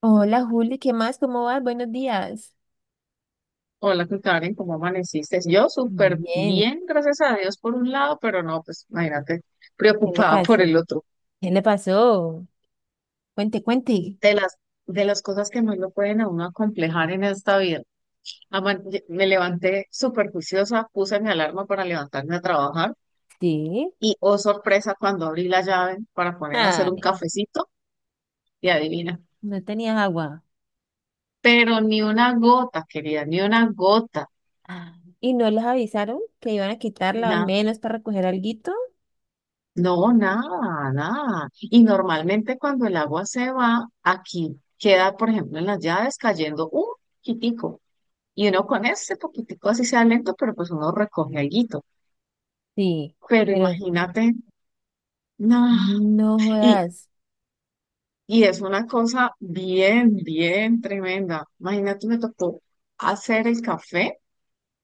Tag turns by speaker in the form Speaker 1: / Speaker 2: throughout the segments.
Speaker 1: Hola Juli, ¿qué más? ¿Cómo vas? Buenos días.
Speaker 2: Hola, ¿qué Karen, ¿cómo amaneciste? Yo súper
Speaker 1: Bien,
Speaker 2: bien, gracias a Dios por un lado, pero no, pues imagínate,
Speaker 1: ¿qué le
Speaker 2: preocupada por
Speaker 1: pasó?
Speaker 2: el otro.
Speaker 1: ¿Qué le pasó? Cuente, cuente.
Speaker 2: De las, de las cosas que más lo pueden a uno acomplejar en esta vida. Aman- Me levanté súper juiciosa, puse mi alarma para levantarme a trabajar
Speaker 1: Sí,
Speaker 2: y, oh sorpresa, cuando abrí la llave para poner a hacer un
Speaker 1: ay,
Speaker 2: cafecito, y adivina,
Speaker 1: no tenías agua.
Speaker 2: pero ni una gota, querida, ni una gota.
Speaker 1: Ah, ¿y no les avisaron que iban a quitarla al menos para recoger alguito?
Speaker 2: No, nada, nada. Y normalmente cuando el agua se va, aquí queda, por ejemplo, en las llaves cayendo un poquitico. Y uno con ese poquitico, así sea lento, pero pues uno recoge alguito.
Speaker 1: Sí,
Speaker 2: Pero
Speaker 1: pero,
Speaker 2: imagínate, no.
Speaker 1: no
Speaker 2: Y,
Speaker 1: jodas.
Speaker 2: y es una cosa bien, bien tremenda. Imagínate, me tocó hacer el café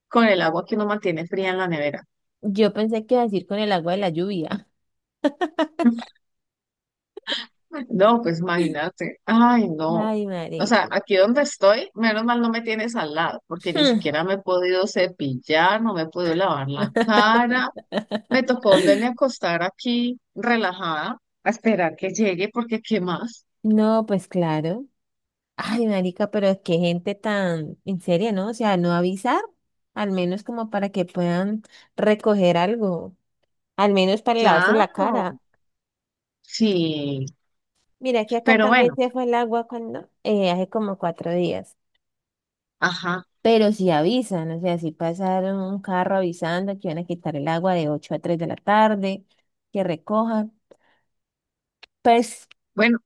Speaker 2: con el agua que uno mantiene fría en la nevera.
Speaker 1: Yo pensé que iba a decir con el agua de la lluvia.
Speaker 2: No, pues imagínate. Ay, no.
Speaker 1: Ay, madre.
Speaker 2: O sea, aquí donde estoy, menos mal no me tienes al lado, porque ni siquiera me he podido cepillar, no me he podido lavar la cara. Me tocó volverme a acostar aquí relajada, a esperar que llegue, porque ¿qué más?
Speaker 1: No, pues claro. Ay, marica, pero es que gente tan en serio, ¿no? O sea, no avisar, al menos como para que puedan recoger algo, al menos para lavarse la
Speaker 2: Claro,
Speaker 1: cara.
Speaker 2: sí.
Speaker 1: Mira que acá
Speaker 2: Pero
Speaker 1: también
Speaker 2: bueno,
Speaker 1: se fue el agua cuando, hace como 4 días.
Speaker 2: ajá.
Speaker 1: Pero si avisan, o sea, si pasaron un carro avisando que iban a quitar el agua de 8 a 3 de la tarde, que recojan. Pues
Speaker 2: Bueno,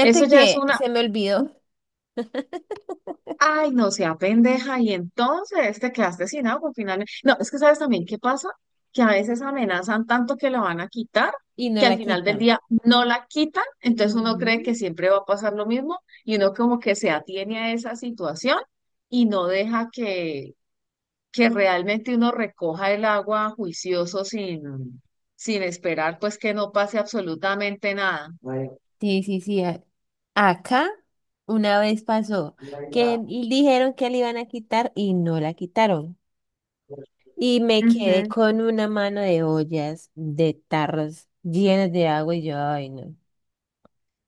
Speaker 2: eso ya es
Speaker 1: que
Speaker 2: una.
Speaker 1: se me olvidó
Speaker 2: Ay, no sea pendeja, y entonces te quedaste sin agua finalmente. No, es que sabes también qué pasa, que a veces amenazan tanto que la van a quitar,
Speaker 1: y no
Speaker 2: que al
Speaker 1: la
Speaker 2: final del
Speaker 1: quitan.
Speaker 2: día no la quitan, entonces uno cree
Speaker 1: Ujú.
Speaker 2: que siempre va a pasar lo mismo y uno como que se atiene a esa situación y no deja que realmente uno recoja el agua juicioso sin esperar pues que no pase absolutamente nada.
Speaker 1: Sí, sí, sí. Acá una vez pasó que dijeron que le iban a quitar y no la quitaron. Y me quedé
Speaker 2: Ujú.
Speaker 1: con una mano de ollas, de tarros llenos de agua y yo, ay, no.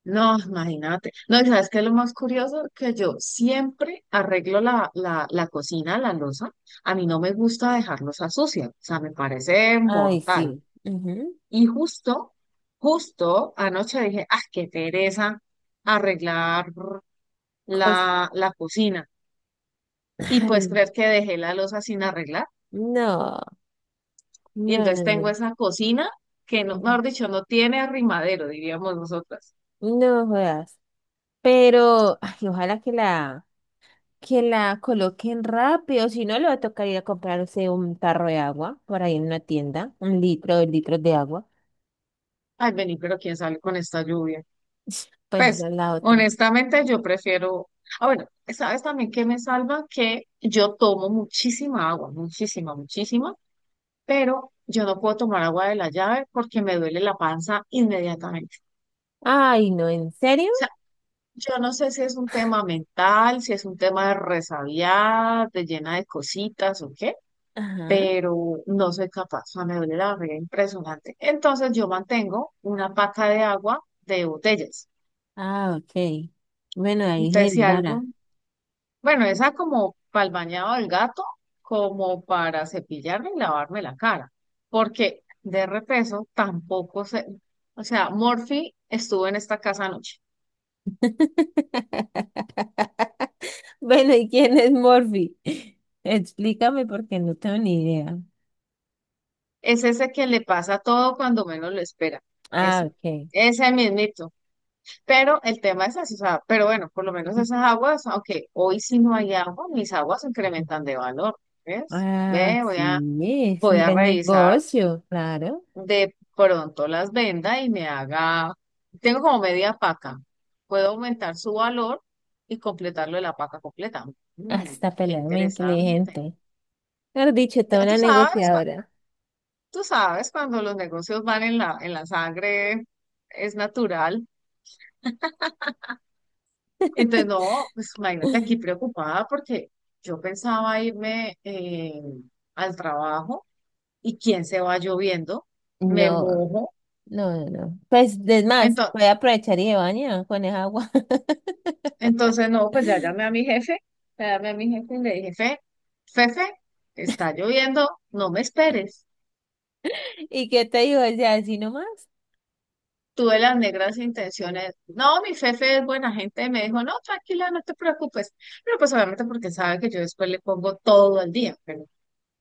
Speaker 2: No, imagínate. No, y sabes qué es lo más curioso, que yo siempre arreglo la cocina, la loza. A mí no me gusta dejarlos a sucia, o sea, me parece
Speaker 1: Ay,
Speaker 2: mortal.
Speaker 1: sí. Ujú.
Speaker 2: Y justo, justo anoche dije, ah, qué pereza arreglar
Speaker 1: cos-
Speaker 2: la cocina. Y pues
Speaker 1: Ay,
Speaker 2: creer que dejé la loza sin arreglar.
Speaker 1: no,
Speaker 2: Y
Speaker 1: no, no,
Speaker 2: entonces tengo
Speaker 1: no.
Speaker 2: esa cocina que, no,
Speaker 1: Ujú.
Speaker 2: mejor dicho, no tiene arrimadero, diríamos nosotras.
Speaker 1: No jodas. Pero, ay, ojalá que la coloquen rápido, si no le va a tocar ir a comprarse un tarro de agua por ahí en una tienda, un litro, 2 litros de agua.
Speaker 2: Ay, vení, pero ¿quién sale con esta lluvia?
Speaker 1: Pues esa
Speaker 2: Pues,
Speaker 1: es la otra.
Speaker 2: honestamente, yo prefiero. Ah, bueno, ¿sabes también que me salva? Que yo tomo muchísima agua, muchísima, muchísima, pero yo no puedo tomar agua de la llave porque me duele la panza inmediatamente.
Speaker 1: Ay, no, ¿en serio?
Speaker 2: O sea, yo no sé si es un tema mental, si es un tema de resabiada, de llena de cositas o qué,
Speaker 1: Ajá.
Speaker 2: pero no soy capaz. O sea, me duele la barriga impresionante. Entonces, yo mantengo una paca de agua de botellas.
Speaker 1: Ah, ok. Bueno, ahí es
Speaker 2: Entonces, si algo.
Speaker 1: vara.
Speaker 2: Bueno, esa como para el bañado del gato, como para cepillarme y lavarme la cara, porque de repeso tampoco se, o sea, Morphy estuvo en esta casa anoche.
Speaker 1: Bueno, ¿y quién es Morphy? Explícame porque no tengo ni idea.
Speaker 2: Es ese que le pasa todo cuando menos lo espera.
Speaker 1: Ah,
Speaker 2: Ese,
Speaker 1: ok.
Speaker 2: ese mismito. Pero el tema es así, o sea, pero bueno, por lo menos esas aguas, aunque hoy sí no hay agua, mis aguas
Speaker 1: Ujú.
Speaker 2: incrementan de valor, ¿ves?
Speaker 1: Ah,
Speaker 2: Ve, voy
Speaker 1: sí,
Speaker 2: a,
Speaker 1: es
Speaker 2: voy
Speaker 1: un
Speaker 2: a
Speaker 1: buen
Speaker 2: revisar.
Speaker 1: negocio, claro.
Speaker 2: De pronto las venda y me haga, tengo como media paca, puedo aumentar su valor y completarlo de la paca completa. Mm,
Speaker 1: Hasta
Speaker 2: qué
Speaker 1: pelea muy
Speaker 2: interesante.
Speaker 1: inteligente. Mejor dicho,
Speaker 2: Ya
Speaker 1: toda
Speaker 2: tú
Speaker 1: una
Speaker 2: sabes,
Speaker 1: negociadora.
Speaker 2: tú sabes cuando los negocios van en la sangre, es natural. Entonces, no, pues imagínate aquí preocupada porque yo pensaba irme al trabajo y quién se va lloviendo, me
Speaker 1: No,
Speaker 2: mojo.
Speaker 1: no, no, no. Pues, es más, voy a
Speaker 2: Entonces,
Speaker 1: aprovechar y de baña con esa agua.
Speaker 2: Entonces, no, pues ya llamé a mi jefe, ya llamé a mi jefe y le dije, jefe, jefe, está lloviendo, no me esperes.
Speaker 1: ¿Y qué te digo? O sea, así nomás.
Speaker 2: Tuve las negras intenciones. No, mi jefe es buena gente, me dijo, no, tranquila, no te preocupes. Pero pues obviamente porque sabe que yo después le pongo todo el día, pero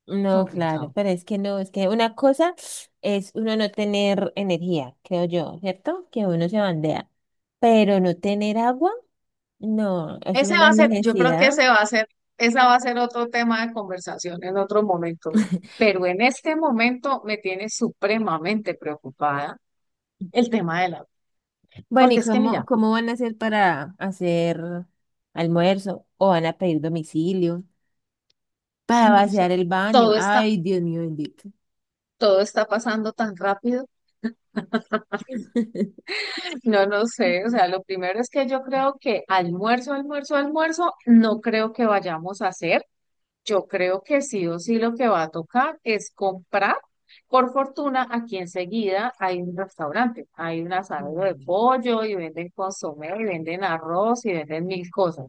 Speaker 1: No, claro,
Speaker 2: complicado.
Speaker 1: pero es que no, es que una cosa es uno no tener energía, creo yo, ¿cierto? Que uno se bandea. Pero no tener agua, no, es
Speaker 2: Ese va
Speaker 1: una
Speaker 2: a ser, yo creo que
Speaker 1: necesidad.
Speaker 2: ese va a ser, esa va a ser otro tema de conversación en otro momento. Pero en este momento me tiene supremamente preocupada el tema de la,
Speaker 1: Bueno, ¿y
Speaker 2: porque es que
Speaker 1: cómo,
Speaker 2: mira,
Speaker 1: cómo van a hacer para hacer almuerzo? ¿O van a pedir domicilio? Para
Speaker 2: ay, no
Speaker 1: vaciar
Speaker 2: sé.
Speaker 1: el baño.
Speaker 2: Todo está,
Speaker 1: Ay, Dios mío bendito.
Speaker 2: todo está pasando tan rápido. No, no sé. O
Speaker 1: Mm,
Speaker 2: sea, lo primero es que yo creo que almuerzo, almuerzo, almuerzo, no creo que vayamos a hacer. Yo creo que sí o sí lo que va a tocar es comprar. Por fortuna, aquí enseguida hay un restaurante. Hay un asado de pollo y venden consomé y venden arroz y venden mil cosas.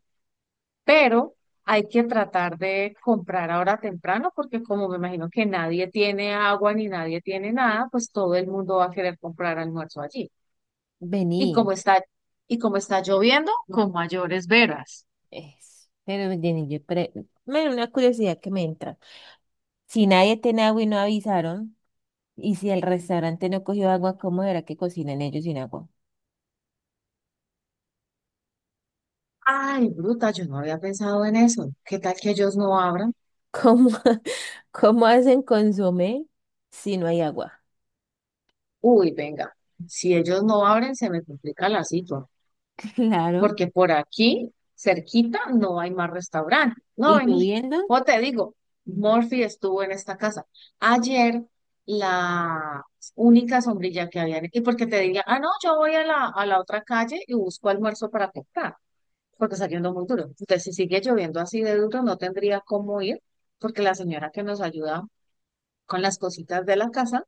Speaker 2: Pero hay que tratar de comprar ahora temprano porque como me imagino que nadie tiene agua ni nadie tiene nada, pues todo el mundo va a querer comprar almuerzo allí. Y
Speaker 1: Vení,
Speaker 2: como está, y como está lloviendo, con mayores veras.
Speaker 1: es, pero vení, yo una curiosidad que me entra. Si nadie tiene agua y no avisaron, y si el restaurante no cogió agua, ¿cómo era que cocinan ellos sin agua?
Speaker 2: Ay, bruta, yo no había pensado en eso. ¿Qué tal que ellos no abran?
Speaker 1: ¿Cómo, cómo hacen consomé si no hay agua?
Speaker 2: Uy, venga, si ellos no abren, se me complica la situación,
Speaker 1: Claro.
Speaker 2: porque por aquí, cerquita, no hay más restaurante. No,
Speaker 1: ¿Y
Speaker 2: vení.
Speaker 1: lloviendo?
Speaker 2: O te digo, Murphy estuvo en esta casa. Ayer, la única sombrilla que había, y porque te diría, ah, no, yo voy a la otra calle y busco almuerzo para comprar, porque está lloviendo muy duro. Entonces, si sigue lloviendo así de duro, no tendría cómo ir, porque la señora que nos ayuda con las cositas de la casa,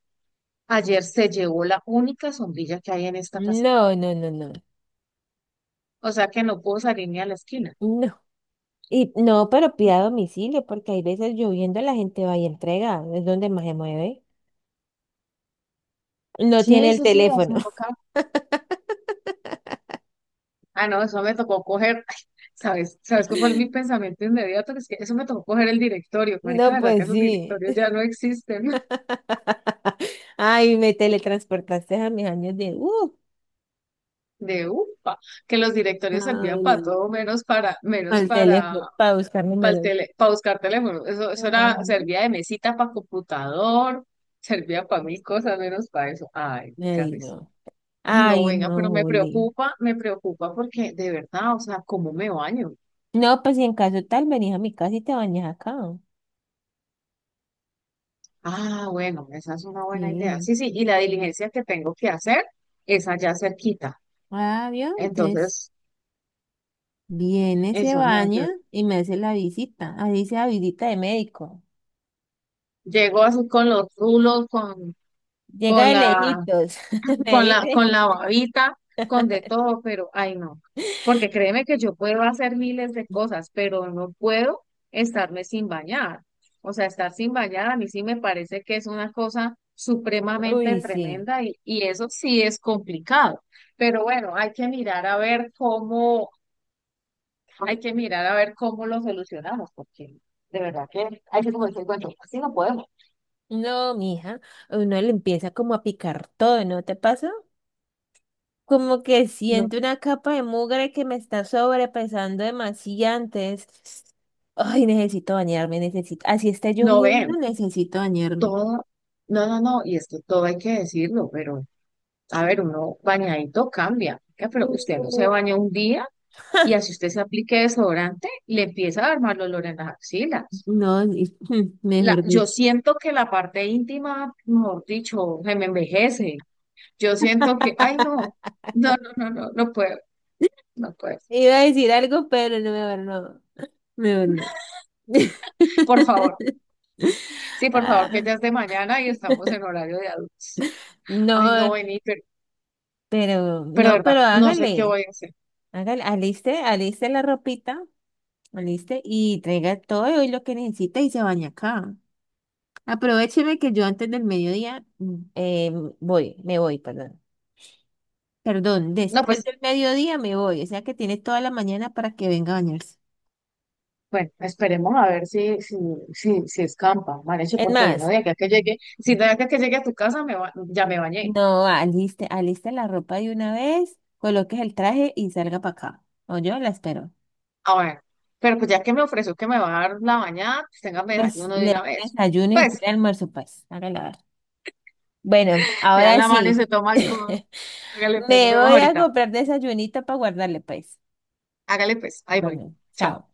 Speaker 2: ayer se llevó la única sombrilla que hay en esta casa.
Speaker 1: No, no, no, no,
Speaker 2: O sea que no puedo salir ni a la esquina.
Speaker 1: no. Y no, pero pida a domicilio, porque hay veces lloviendo la gente va y entrega, es donde más se mueve. No tiene
Speaker 2: Sí,
Speaker 1: el
Speaker 2: sí, sí, o
Speaker 1: teléfono.
Speaker 2: sea, toca. Ah, no, eso me tocó coger, ay, ¿sabes? ¿Sabes cuál fue mi pensamiento inmediato? Es que eso me tocó coger el directorio, marica,
Speaker 1: No,
Speaker 2: ¿verdad que
Speaker 1: pues
Speaker 2: los
Speaker 1: sí.
Speaker 2: directorios ya no existen?
Speaker 1: Ay, me teletransportaste a mis años de...
Speaker 2: De upa, que los directorios servían
Speaker 1: Ay,
Speaker 2: para
Speaker 1: no.
Speaker 2: todo menos para, menos
Speaker 1: Al teléfono para buscar
Speaker 2: para el
Speaker 1: números.
Speaker 2: tele, para buscar teléfono. Eso
Speaker 1: Ah,
Speaker 2: era, servía de mesita para computador, servía para mil cosas menos para eso. Ay,
Speaker 1: ay,
Speaker 2: carrísimo.
Speaker 1: no.
Speaker 2: Ay, no,
Speaker 1: Ay,
Speaker 2: venga,
Speaker 1: no,
Speaker 2: pero me
Speaker 1: Juli.
Speaker 2: preocupa, me preocupa porque de verdad, o sea, ¿cómo me baño?
Speaker 1: No, pues si en caso tal, venís a mi casa y te bañas acá.
Speaker 2: Ah, bueno, esa es una buena idea.
Speaker 1: Sí.
Speaker 2: Sí, sí, y la diligencia que tengo que hacer es allá cerquita.
Speaker 1: Ah, bien, entonces
Speaker 2: Entonces,
Speaker 1: viene, se
Speaker 2: eso me
Speaker 1: baña
Speaker 2: ayuda.
Speaker 1: y me hace la visita. Ahí dice la visita de médico.
Speaker 2: Llego así con los rulos,
Speaker 1: Llega
Speaker 2: con
Speaker 1: de
Speaker 2: la,
Speaker 1: lejitos, me
Speaker 2: con la
Speaker 1: dice.
Speaker 2: babita, con de todo, pero ay no. Porque créeme que yo puedo hacer miles de cosas, pero no puedo estarme sin bañar. O sea, estar sin bañar a mí sí me parece que es una cosa supremamente
Speaker 1: Uy, sí.
Speaker 2: tremenda y eso sí es complicado. Pero bueno, hay que mirar a ver cómo lo solucionamos, porque de verdad que hay que como decir, bueno, así no podemos.
Speaker 1: No, mija, a uno le empieza como a picar todo, ¿no te pasa? Como que
Speaker 2: No,
Speaker 1: siento una capa de mugre que me está sobrepesando demasiado antes. Ay, necesito bañarme, necesito. Así está
Speaker 2: no
Speaker 1: lloviendo,
Speaker 2: ven,
Speaker 1: necesito bañarme.
Speaker 2: todo, no, no, no, y es que todo hay que decirlo, pero a ver, uno bañadito cambia, ¿qué? Pero usted no se
Speaker 1: Uh,
Speaker 2: baña un día y así usted se aplique desodorante, le empieza a armar el olor en las axilas.
Speaker 1: no,
Speaker 2: La,
Speaker 1: mejor
Speaker 2: yo
Speaker 1: dicho.
Speaker 2: siento que la parte íntima, mejor dicho, se me envejece. Yo siento que, ay, no, no, no, no, no, no puedo, no puedo.
Speaker 1: Iba a decir algo, pero no, mejor no. Mejor no.
Speaker 2: Por favor, sí, por favor, que ya
Speaker 1: Ah,
Speaker 2: es de mañana y estamos en horario de adultos. Ay, no,
Speaker 1: no,
Speaker 2: vení,
Speaker 1: pero,
Speaker 2: pero de
Speaker 1: no,
Speaker 2: verdad,
Speaker 1: pero
Speaker 2: no sé qué
Speaker 1: hágale.
Speaker 2: voy a hacer.
Speaker 1: Hágale, aliste, aliste la ropita, aliste y traiga todo y lo que necesita y se baña acá. Aprovecheme que yo antes del mediodía me voy, perdón. Perdón,
Speaker 2: No,
Speaker 1: después
Speaker 2: pues
Speaker 1: del mediodía me voy, o sea que tiene toda la mañana para que venga a bañarse.
Speaker 2: bueno, esperemos a ver si escampa, Manecho,
Speaker 1: Es
Speaker 2: porque ahí no
Speaker 1: más,
Speaker 2: de acá que
Speaker 1: Mm.
Speaker 2: llegue, si no de acá que llegue a tu casa, me ba- ya me bañé.
Speaker 1: no, aliste, aliste la ropa de una vez, coloques el traje y salga para acá. O yo la espero.
Speaker 2: A ver, pero pues ya que me ofreció que me va a dar la bañada, pues tenga que dejar
Speaker 1: Pues
Speaker 2: uno de
Speaker 1: le
Speaker 2: una
Speaker 1: doy
Speaker 2: vez.
Speaker 1: desayuno y
Speaker 2: Pues,
Speaker 1: el almuerzo, pues. Hágala ver. Bueno,
Speaker 2: le dan
Speaker 1: ahora
Speaker 2: la mano y
Speaker 1: sí.
Speaker 2: se toma el codo. Hágale pues, nos
Speaker 1: Me
Speaker 2: vemos
Speaker 1: voy a
Speaker 2: ahorita.
Speaker 1: comprar desayunita para guardarle, pues.
Speaker 2: Hágale pues, ahí voy.
Speaker 1: Bueno,
Speaker 2: Chao.
Speaker 1: chao.